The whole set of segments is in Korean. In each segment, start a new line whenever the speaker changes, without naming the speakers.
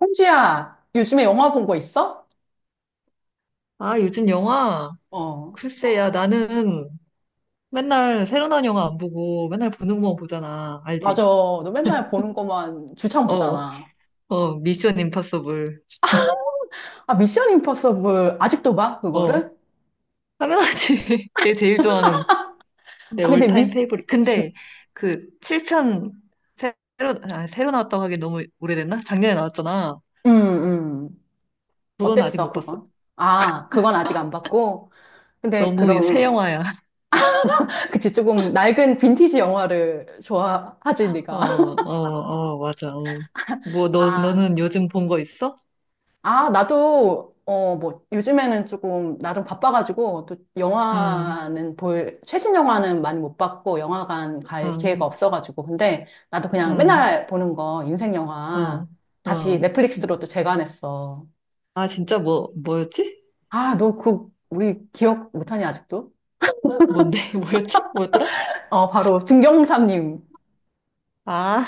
홍지야 요즘에 영화 본 거 있어?
아, 요즘 영화?
어,
글쎄, 야, 나는 맨날 새로 나온 영화 안 보고 맨날 보는 것만 보잖아.
맞아.
알지?
너 맨날 보는 거만 주창
어,
보잖아.
어, 미션 임파서블.
아, 미션 임파서블 아직도 봐?
어,
그거를?
당연하지. 내 제일 좋아하는 내
아, 근데
올타임 페이보릿. 근데 그 7편 새로 나왔다고 하기 너무 오래됐나? 작년에 나왔잖아.
음, 음.
그건 아직
어땠어,
못 봤어.
그건? 아, 그건 아직 안 봤고. 근데
너무 새
그럼,
영화야.
그치, 조금 낡은 빈티지 영화를 좋아하지,
어,
네가.
어, 어, 맞아. 어. 뭐, 너,
아,
너는 요즘 본 거 있어?
아, 나도, 어, 뭐, 요즘에는 조금, 나름 바빠가지고, 또,
응,
영화는 볼, 최신 영화는 많이 못 봤고, 영화관 갈
어,
기회가 없어가지고, 근데, 나도 그냥
응,
맨날 보는 거, 인생 영화,
어,
다시
어.
넷플릭스로 또 재관했어.
아, 진짜 뭐였지?
아, 너 그, 우리 기억 못하니, 아직도?
뭔데? 뭐였지? 뭐였더라?
어, 바로, 증경삼님.
아,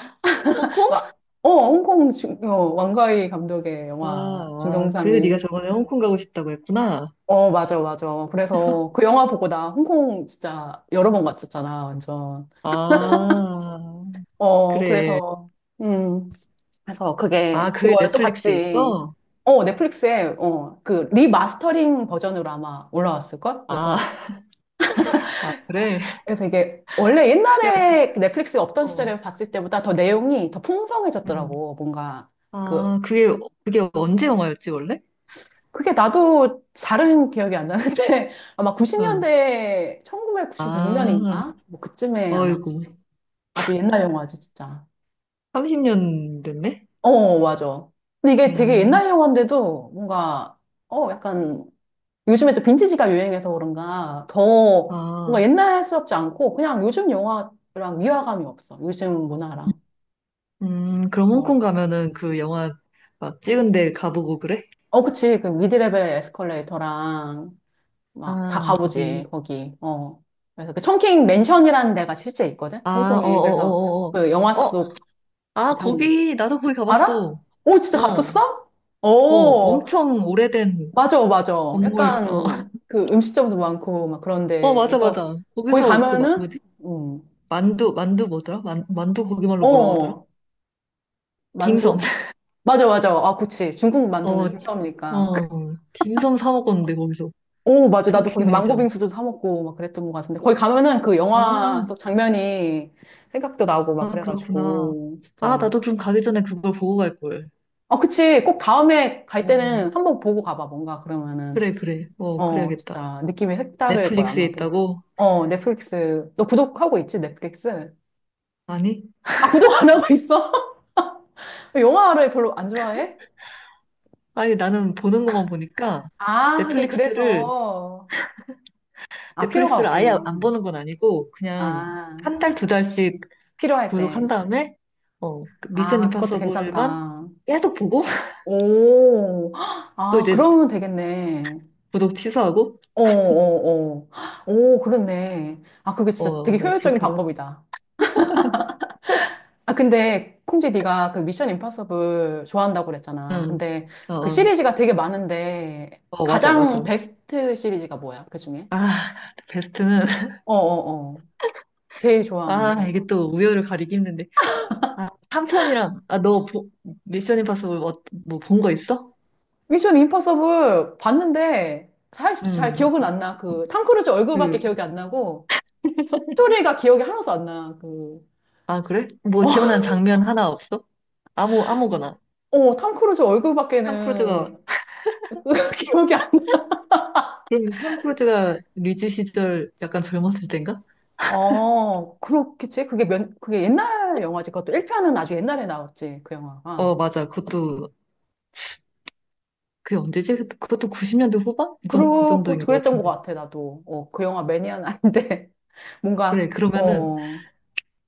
홍콩?
와, 어, 홍콩 중, 어, 왕가위 감독의
아,
영화,
아, 그래서
증경삼님.
네가 저번에 홍콩 가고 싶다고 했구나.
어, 맞아, 맞아. 그래서 그 영화 보고 나 홍콩 진짜 여러 번 갔었잖아, 완전.
아,
어,
그래.
그래서, 음, 그래서
아,
그게
그게
그걸 또
넷플릭스에
봤지.
있어?
어, 넷플릭스에, 어, 그, 리마스터링 버전으로 아마 올라왔을걸?
아,
그래서,
아, 그래.
그래서 이게, 원래
야,
옛날에 넷플릭스가 없던
어,
시절에 봤을 때보다 더 내용이 더
음.
풍성해졌더라고. 뭔가, 그,
아, 그게 언제 영화였지, 원래?
그게 나도 잘은 기억이 안 나는데, 아마
응.
90년대,
아,
1996년인가? 뭐, 그쯤에 아마
어이구.
아주 옛날 영화지, 진짜.
30년 됐네?
어, 맞아. 근데 이게 되게
음,
옛날 영화인데도 뭔가, 어, 약간, 요즘에 또 빈티지가 유행해서 그런가, 더 뭔가
아,
옛날스럽지 않고, 그냥 요즘 영화랑 위화감이 없어. 요즘 문화랑.
그럼
어,
홍콩 가면은 그 영화 막 찍은 데 가보고 그래?
어, 그치. 그 미드레벨 에스컬레이터랑, 막, 다
아, 거기
가보지, 거기. 어. 그래서 그 청킹 맨션이라는 데가 실제 있거든?
아, 어,
홍콩에. 그래서
어, 어,
그 영화
어, 어. 어, 아,
장,
거기, 나도 거기
알아?
가봤어.
오, 진짜
어, 어,
갔었어? 오.
엄청 오래된
맞아, 맞아.
건물, 어.
약간 그 음식점도 많고 막
어,
그런데
맞아,
그래서
맞아.
거기
거기서 그,
가면은
뭐지?
음.
만두 뭐더라? 만두 거기말로 뭐라고 하더라?
어 만두
딤섬.
맞아, 맞아. 아, 그치. 중국
어,
만두는 들떠오니까.
어, 딤섬 사 먹었는데, 거기서.
오, 맞아. 나도
청킹
거기서 망고
매니션.
빙수도 사 먹고 막 그랬던 것 같은데 거기 가면은 그
아,
영화 속 장면이 생각도 나고 막
아, 그렇구나.
그래가지고
아,
진짜.
나도 그럼 가기 전에 그걸 보고 갈걸.
어 그치. 꼭 다음에 갈
어,
때는 한번 보고 가봐. 뭔가 그러면은
그래, 그래. 어,
어
그래야겠다.
진짜 느낌이 색다를 거야
넷플릭스에
아마도.
있다고?
어 넷플릭스 너 구독하고 있지 넷플릭스?
아니?
아, 구독 안 하고 있어? 왜 영화를 별로 안 좋아해?
아니, 나는 보는 것만 보니까
아, 하긴
넷플릭스를
그래서. 아, 필요가
넷플릭스를 아예
없겠네.
안 보는 건 아니고 그냥
아,
한 달, 두 달씩
필요할
구독한
때.
다음에 어, 그 미션
아, 그것도
임파서블만
괜찮다.
계속 보고
오,
또
아,
이제
그러면 되겠네.
구독 취소하고
어, 어, 어. 오, 그렇네. 아, 그게 진짜
어,
되게
나
효율적인
그렇게
방법이다. 아, 근데, 콩지 네가 그 미션 임파서블 좋아한다고 그랬잖아.
응.
근데
어,
그
어,
시리즈가 되게 많은데,
어, 맞아, 맞아.
가장 베스트 시리즈가 뭐야? 그 중에?
아, 베스트는
어 어, 어, 제일 좋아하는
아,
거.
이게 또 우열을 가리기 힘든데. 아, 3편이랑 아, 너 보, 미션 임파서블 뭐본 거 있어?
미션 임파서블 봤는데 사실 잘
응.
기억은 안 나. 그 탐 크루즈 얼굴밖에
그,
기억이 안 나고 스토리가 기억이 하나도 안 나. 그
아, 그래? 뭐 기억나는 장면 하나 없어? 아무거나.
어, 탐 크루즈
톰 크루즈가
얼굴밖에는 기억이 안 나.
그럼 톰 크루즈가 리즈 시절 약간 젊었을 땐가?
어, 그렇겠지. 그게 몇 그게 옛날 영화지. 그것도 1편은 아주 옛날에 나왔지. 그 영화가.
어, 맞아. 그것도, 그게 언제지? 그것도 90년대 후반? 그
그렇고
정도인 것
그랬던 것
같은데.
같아. 나도. 어, 그 영화 매니아는 아닌데
그래,
뭔가
그러면은,
어,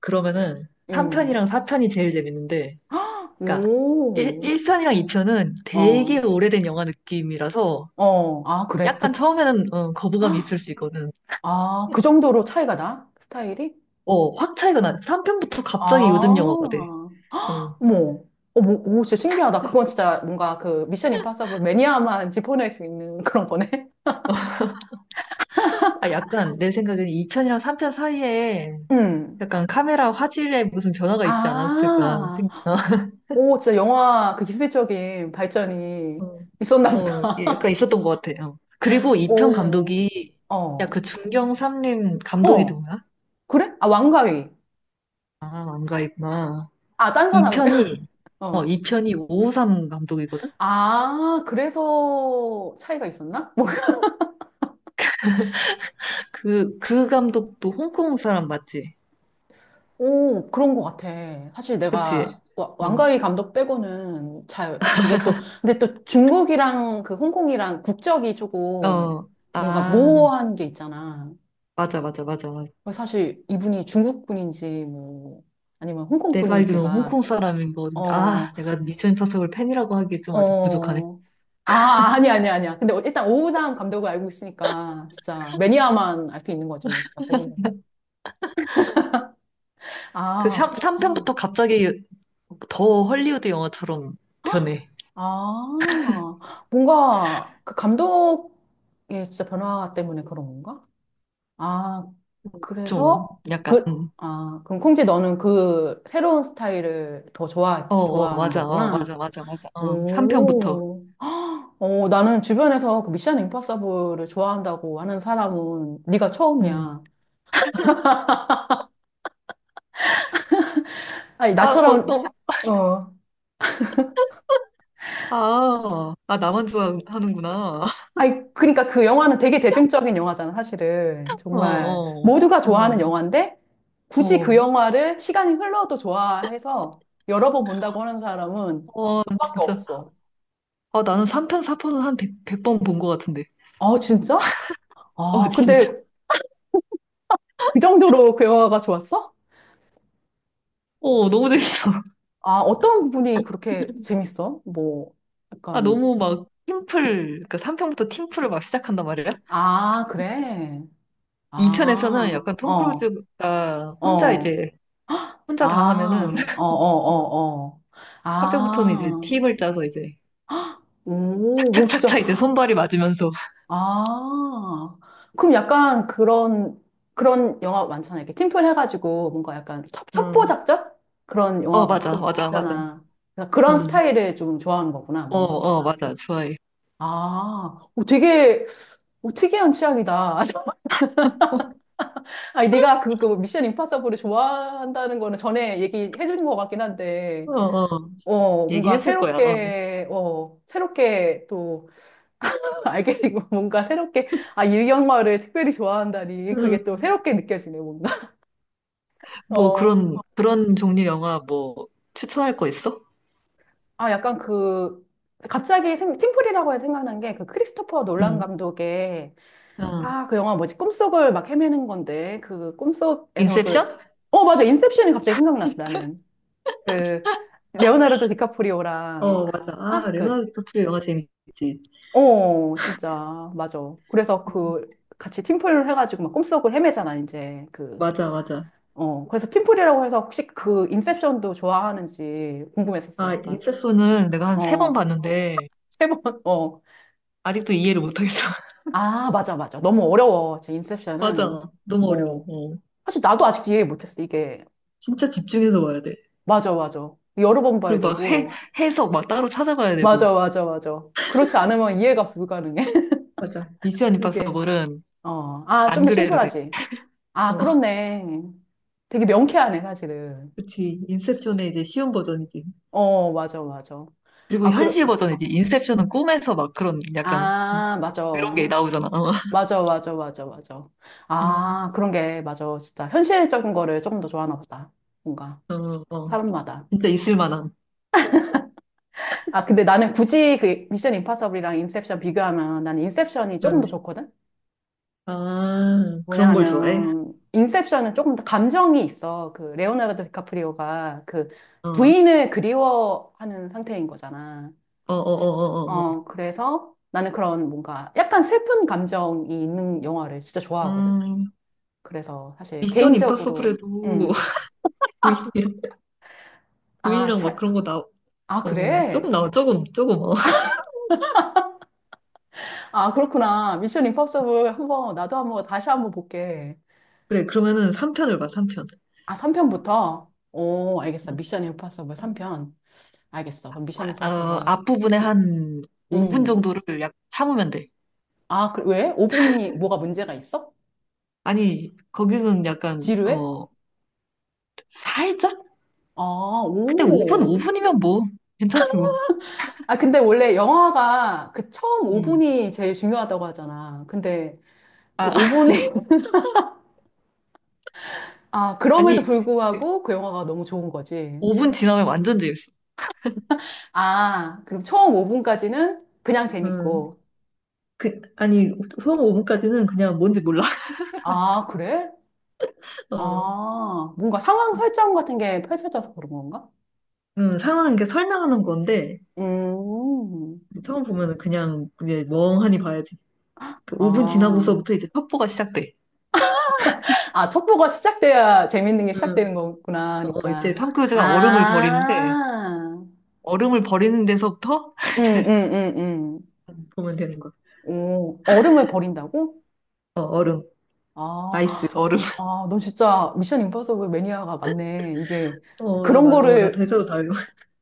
그러면은
음.
3편이랑 4편이 제일 재밌는데, 그러니까 1,
오.
편이랑 2편은 되게
어.
오래된 영화 느낌이라서
어. 아, 그래. 그
약간 처음에는 어, 거부감이 있을 수 있거든.
아, 그 정도로 차이가 나? 그 스타일이?
어, 확 차이가 나. 3편부터
아,
갑자기 요즘 영화가 돼.
어머.
어.
어머, 오, 진짜 신기하다. 그건 진짜 뭔가 그 미션 임파서블 매니아만 짚어낼 수 있는 그런 거네.
아, 약간 내 생각에는 2편이랑 3편 사이에
음.
약간 카메라 화질에 무슨 변화가 있지 않았을까
아,
생각,
오, 진짜 영화 그 기술적인 발전이
어,
있었나
어,
보다.
예, 약간 있었던 것 같아요. 그리고 2편
오,
감독이, 야,
어,
그 중경 삼림 감독이
어,
누구야?
그래? 아, 왕가위.
아, 안가 있구나.
아, 딴 사람.
2편이,
어.
어, 2편이 553 감독이거든?
아, 그래서 차이가 있었나?
그 감독도 홍콩 사람 맞지?
오, 그런 것 같아. 사실
그치?
내가
어,
왕가위 감독 빼고는 잘, 그게 또, 근데 또 중국이랑 그 홍콩이랑 국적이 조금
어,
뭔가
아,
모호한 게 있잖아.
맞아, 맞아, 맞아. 맞아.
그래서 사실 이분이 중국 분인지 뭐, 아니면 홍콩
내가 알기로는
분인지가,
홍콩 사람인 거 같은데,
어,
아, 내가 미션 임파서블 팬이라고 하기에 좀 아직 부족하네.
어, 아, 아니, 아니, 아니야. 근데 일단 오우장 감독을 알고 있으니까 진짜 매니아만 알 수 있는 거지, 뭐, 진짜 그런 거.
그
아, 그렇구나.
3편부터 갑자기 더 헐리우드 영화처럼
헉!
변해.
아, 뭔가 그 감독의 진짜 변화 때문에 그런 건가? 아,
좀
그래서
약간,
그, 아, 그럼 콩지 너는 그 새로운 스타일을 더
어, 어,
좋아하는
맞아, 어,
거구나.
맞아, 맞아, 맞아. 어, 3편부터.
오, 어, 나는 주변에서 그 미션 임파서블을 좋아한다고 하는 사람은 네가
음.
처음이야. 아니,
아, 어,
나처럼,
또,
어,
아, 나만 좋아하는구나.
아니, 그러니까 그 영화는 되게 대중적인 영화잖아, 사실은.
어,
정말
어,
모두가
어,
좋아하는 영화인데 굳이 그
어,
영화를 시간이 흘러도 좋아해서 여러 번 본다고 하는 사람은
어,
너밖에
진짜.
없어.
아, 나는 3편, 4편은 한 100, 번 본 것 같은데.
아, 진짜?
어,
아,
진짜.
근데 그 정도로 그 영화가 좋았어?
어, 너무 재밌어.
아, 어떤 부분이 그렇게 재밌어? 뭐,
아,
약간,
너무 막 팀플, 그 3편부터 팀플을 막 시작한단 말이야?
아, 그래.
2편에서는
아,
약간 톰
어,
크루즈가
어,
혼자 다 하면은,
아, 어, 어,
어,
어, 어.
4편부터는 이제
아,
팀을 짜서 이제,
오, 오, 진짜.
착착착착 이제 손발이 맞으면서,
아, 그럼 약간 그런, 그런 영화 많잖아. 이렇게 팀플 해가지고 뭔가 약간 첩보
음,
작전? 그런
어,
영화가
맞아,
좀
맞아, 맞아.
있잖아. 그래서 그런
음,
스타일을 좀 좋아하는 거구나,
어,
뭔가.
어, 맞아, 좋아해.
아, 오, 되게, 오, 특이한 취향이다. 아니, 네가 그, 그 미션 임파서블을 좋아한다는 거는 전에 얘기해 준 것 같긴 한데,
어, 어,
어, 뭔가
얘기했을 거야. 어.
새롭게, 어, 새롭게 또 알게 되고 뭔가 새롭게 아일영화를 특별히 좋아한다니 그게 또
음,
새롭게 느껴지네 뭔가 어
뭐 그런 종류 영화 뭐 추천할 거 있어?
아 약간 그 갑자기 팀플이라고 해서 생각난 게 그 크리스토퍼 놀란
응,
감독의
어,
아 그 영화 뭐지 꿈속을 막 헤매는 건데 그 꿈속에서 그
인셉션?
어 맞아 인셉션이 갑자기 생각났어 나는 그 레오나르도 디카프리오랑
어, 맞아. 아,
그막그어
레오나르도 디프리오 영화 재밌지.
진짜 맞아 그래서
음,
그 같이 팀플 해가지고 막 꿈속을 헤매잖아 이제 그
맞아, 맞아.
어, 그래서 팀플이라고 해서 혹시 그 인셉션도 좋아하는지 궁금했었어,
아, 인
약간.
셉스는 내가 한 세 번
어,
봤는데,
세 번, 어.
아직도 이해를 못하겠어.
아, 맞아, 맞아. 너무 어려워, 제 인셉션은.
맞아. 너무 어려워.
어.
어.
사실 나도 아직 이해 못했어, 이게.
진짜 집중해서 봐야 돼.
맞아, 맞아. 여러 번 봐야
그리고 막 해,
되고.
해석 막 따로 찾아봐야 되고.
맞아, 맞아, 맞아. 그렇지 않으면 이해가 불가능해,
맞아. 미션
이게.
임파서블은
어, 아, 좀
안
더
그래도 돼.
심플하지. 아,
어,
그렇네. 되게 명쾌하네, 사실은.
그치. 인셉션의 이제 쉬운 버전이지.
어, 맞아, 맞아.
그리고
아,
현실
그럼,
버전이지. 인셉션은 꿈에서 막 그런 약간
아, 맞아.
그런 게 나오잖아. 어,
맞아, 맞아, 맞아, 맞아.
음,
아, 그런 게, 맞아. 진짜 현실적인 거를 조금 더 좋아하나 보다. 뭔가,
어, 어.
사람마다.
진짜 있을 만한.
아, 근데 나는 굳이 그 미션 임파서블이랑 인셉션 비교하면 나는 인셉션이 조금
응.
더 좋거든?
아,
뭐냐
그런 걸 좋아해?
하면, 인셉션은 조금 더 감정이 있어. 그, 레오나르도 디카프리오가 그
어, 어,
부인을 그리워하는 상태인 거잖아.
어, 어, 어, 어.
어, 그래서 나는 그런 뭔가 약간 슬픈 감정이 있는 영화를 진짜
어.
좋아하거든? 그래서 사실
미션
개인적으로,
임파서블에도
음.
V,
아,
V랑 막
차,
그런 거
아,
조금
그래?
나와, 조금, 조금, 어.
아, 그렇구나. 미션 임파서블 한번, 나도 한번, 다시 한번 볼게.
그래, 그러면은 3편을 봐, 3편.
아, 3편부터? 오, 알겠어. 미션 임파서블 3편. 알겠어. 그럼 미션
어,
임파서블.
앞부분에 한 5분
음.
정도를 약 참으면 돼.
아, 그, 왜? 5분이 뭐가 문제가 있어?
아니, 거기는 약간,
지루해?
어, 살짝?
아,
근데 5분,
오.
오 분이면 뭐, 괜찮지 뭐.
아, 근데 원래 영화가 그 처음
음.
5분이 제일 중요하다고 하잖아. 근데 그
아,
5분이, 아, 그럼에도
아니,
불구하고 그 영화가 너무 좋은 거지.
5분 지나면 완전 재밌어.
아, 그럼 처음 5분까지는 그냥
음,
재밌고.
그, 아니, 처음 5분까지는 그냥 뭔지 몰라.
아, 그래?
어,
아, 뭔가 상황 설정 같은 게 펼쳐져서 그런 건가?
상황, 이렇게 설명하는 건데,
음,
처음 보면은 그냥, 그냥 멍하니 봐야지. 그 5분
아.
지나고서부터 이제 첩보가 시작돼.
아, 첩보가 시작돼야 재밌는 게
음,
시작되는 거구나,
어, 이제
하니까.
탐 크루즈가 얼음을 버리는데
아,
얼음을 버리는 데서부터
음,
이제
음, 음, 음.
보면 되는 거야.
오, 얼음을 버린다고?
어, 얼음. 아이스
아,
얼음.
아, 넌 진짜 미션 임파서블 매니아가 맞네. 이게,
어,
그런
나
거를,
대사도 다 외워.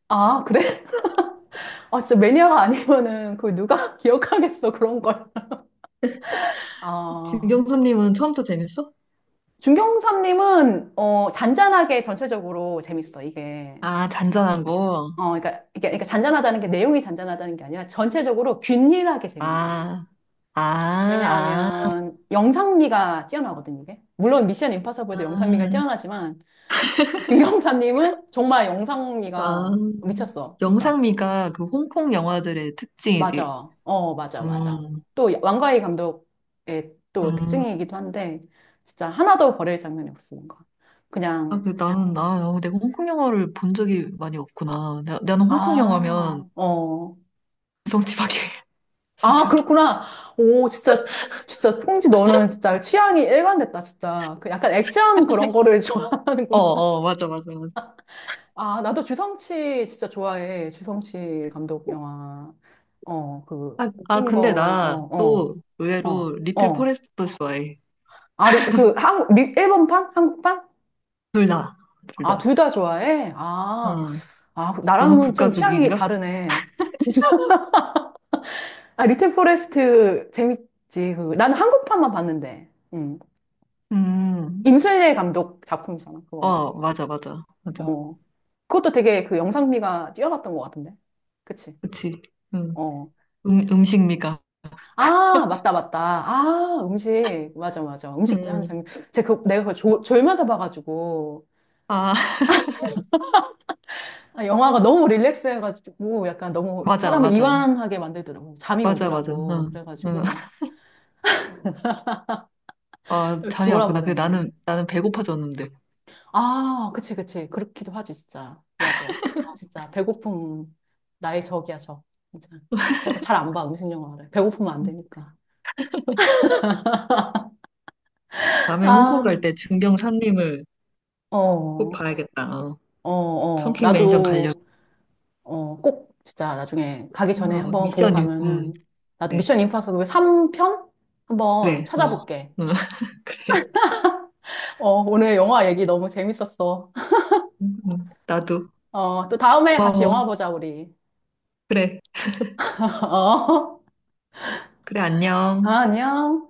아, 그래? 아, 진짜 매니아가 아니면은 그걸 누가 기억하겠어, 그런 걸. 아.
진경선님은 처음부터 재밌어?
중경삼님은 어, 잔잔하게 전체적으로 재밌어 이게.
아, 잔잔한 거.
어, 그러니까 이게 잔잔하다는 게 내용이 잔잔하다는 게 아니라 전체적으로 균일하게 재밌어.
아, 아, 아,
왜냐하면 영상미가 뛰어나거든 이게. 물론 미션 임파서블도 영상미가
아.
뛰어나지만 중경섭님은 정말
아,
영상미가 미쳤어. 그러니까
영상미가 그 홍콩 영화들의 특징이지.
맞아, 어 맞아.
음,
또 왕가희 감독의 또
음.
특징이기도 한데 진짜 하나도 버릴 장면이 없으니까
아,
그냥
그 나는 내가 홍콩 영화를 본 적이 많이 없구나. 나는 홍콩 영화면
아, 어.
성취밖에
아,
생각이.
그렇구나. 오, 진짜, 진짜, 콩지 너는 진짜 취향이 일관됐다, 진짜. 그 약간 액션 그런 거를
어,
좋아하는구나.
어, 맞아, 맞아, 맞아.
아, 나도 주성치 진짜 좋아해. 주성치 감독 영화. 어, 그,
아,
웃긴 거,
근데 나
어,
또
어,
의외로
어,
리틀
어.
포레스트도 좋아해.
아, 그, 한국, 미, 일본판? 한국판?
둘 다, 둘
아,
다.
둘 다 좋아해?
어,
아, 아, 그
너무
나랑은
극과
좀 취향이
극인가?
다르네. 아, 리틀 포레스트 재밌지. 그, 나는 한국판만 봤는데. 음.
음,
임순례 감독 작품이잖아, 그거.
어, 맞아, 맞아, 맞아.
어. 그것도 되게 그 영상미가 뛰어났던 것 같은데. 그치?
그치. 음,
어.
음식 미가.
아, 맞다, 맞다. 아, 음식. 맞아, 맞아. 음식 하는
음,
장면. 내가 그 졸면서 봐가지고.
아,
아, 영화가 너무 릴렉스 해가지고 약간 너무
맞아,
사람을
맞아.
이완하게 만들더라고. 잠이
맞아, 맞아.
오더라고.
응, 응.
그래가지고.
아, 잠이 왔구나. 근데
졸아버렸네.
나는 배고파졌는데.
아, 그치, 그치. 그렇기도 하지, 진짜. 맞아. 진짜. 배고픔. 나의 적이야, 적. 진짜. 그래서 잘 안 봐, 음식 영화를. 배고프면 안 되니까.
다음에 홍콩
아,
갈 때 중병 삼림을 꼭
어.
봐야겠다. 어.
어, 어,
청킹 맨션 가려고.
나도, 어, 꼭 진짜 나중에 가기 전에
어,
한번 보고
미션,
가면은, 나도
네.
미션 임파서블 3편? 한번
그래, 어,
찾아볼게.
응, 그래.
어, 오늘 영화 얘기 너무 재밌었어.
응, 나도
어, 또 다음에 같이
고마워.
영화 보자, 우리.
그래,
어,
그래, 안녕.
아, 안녕.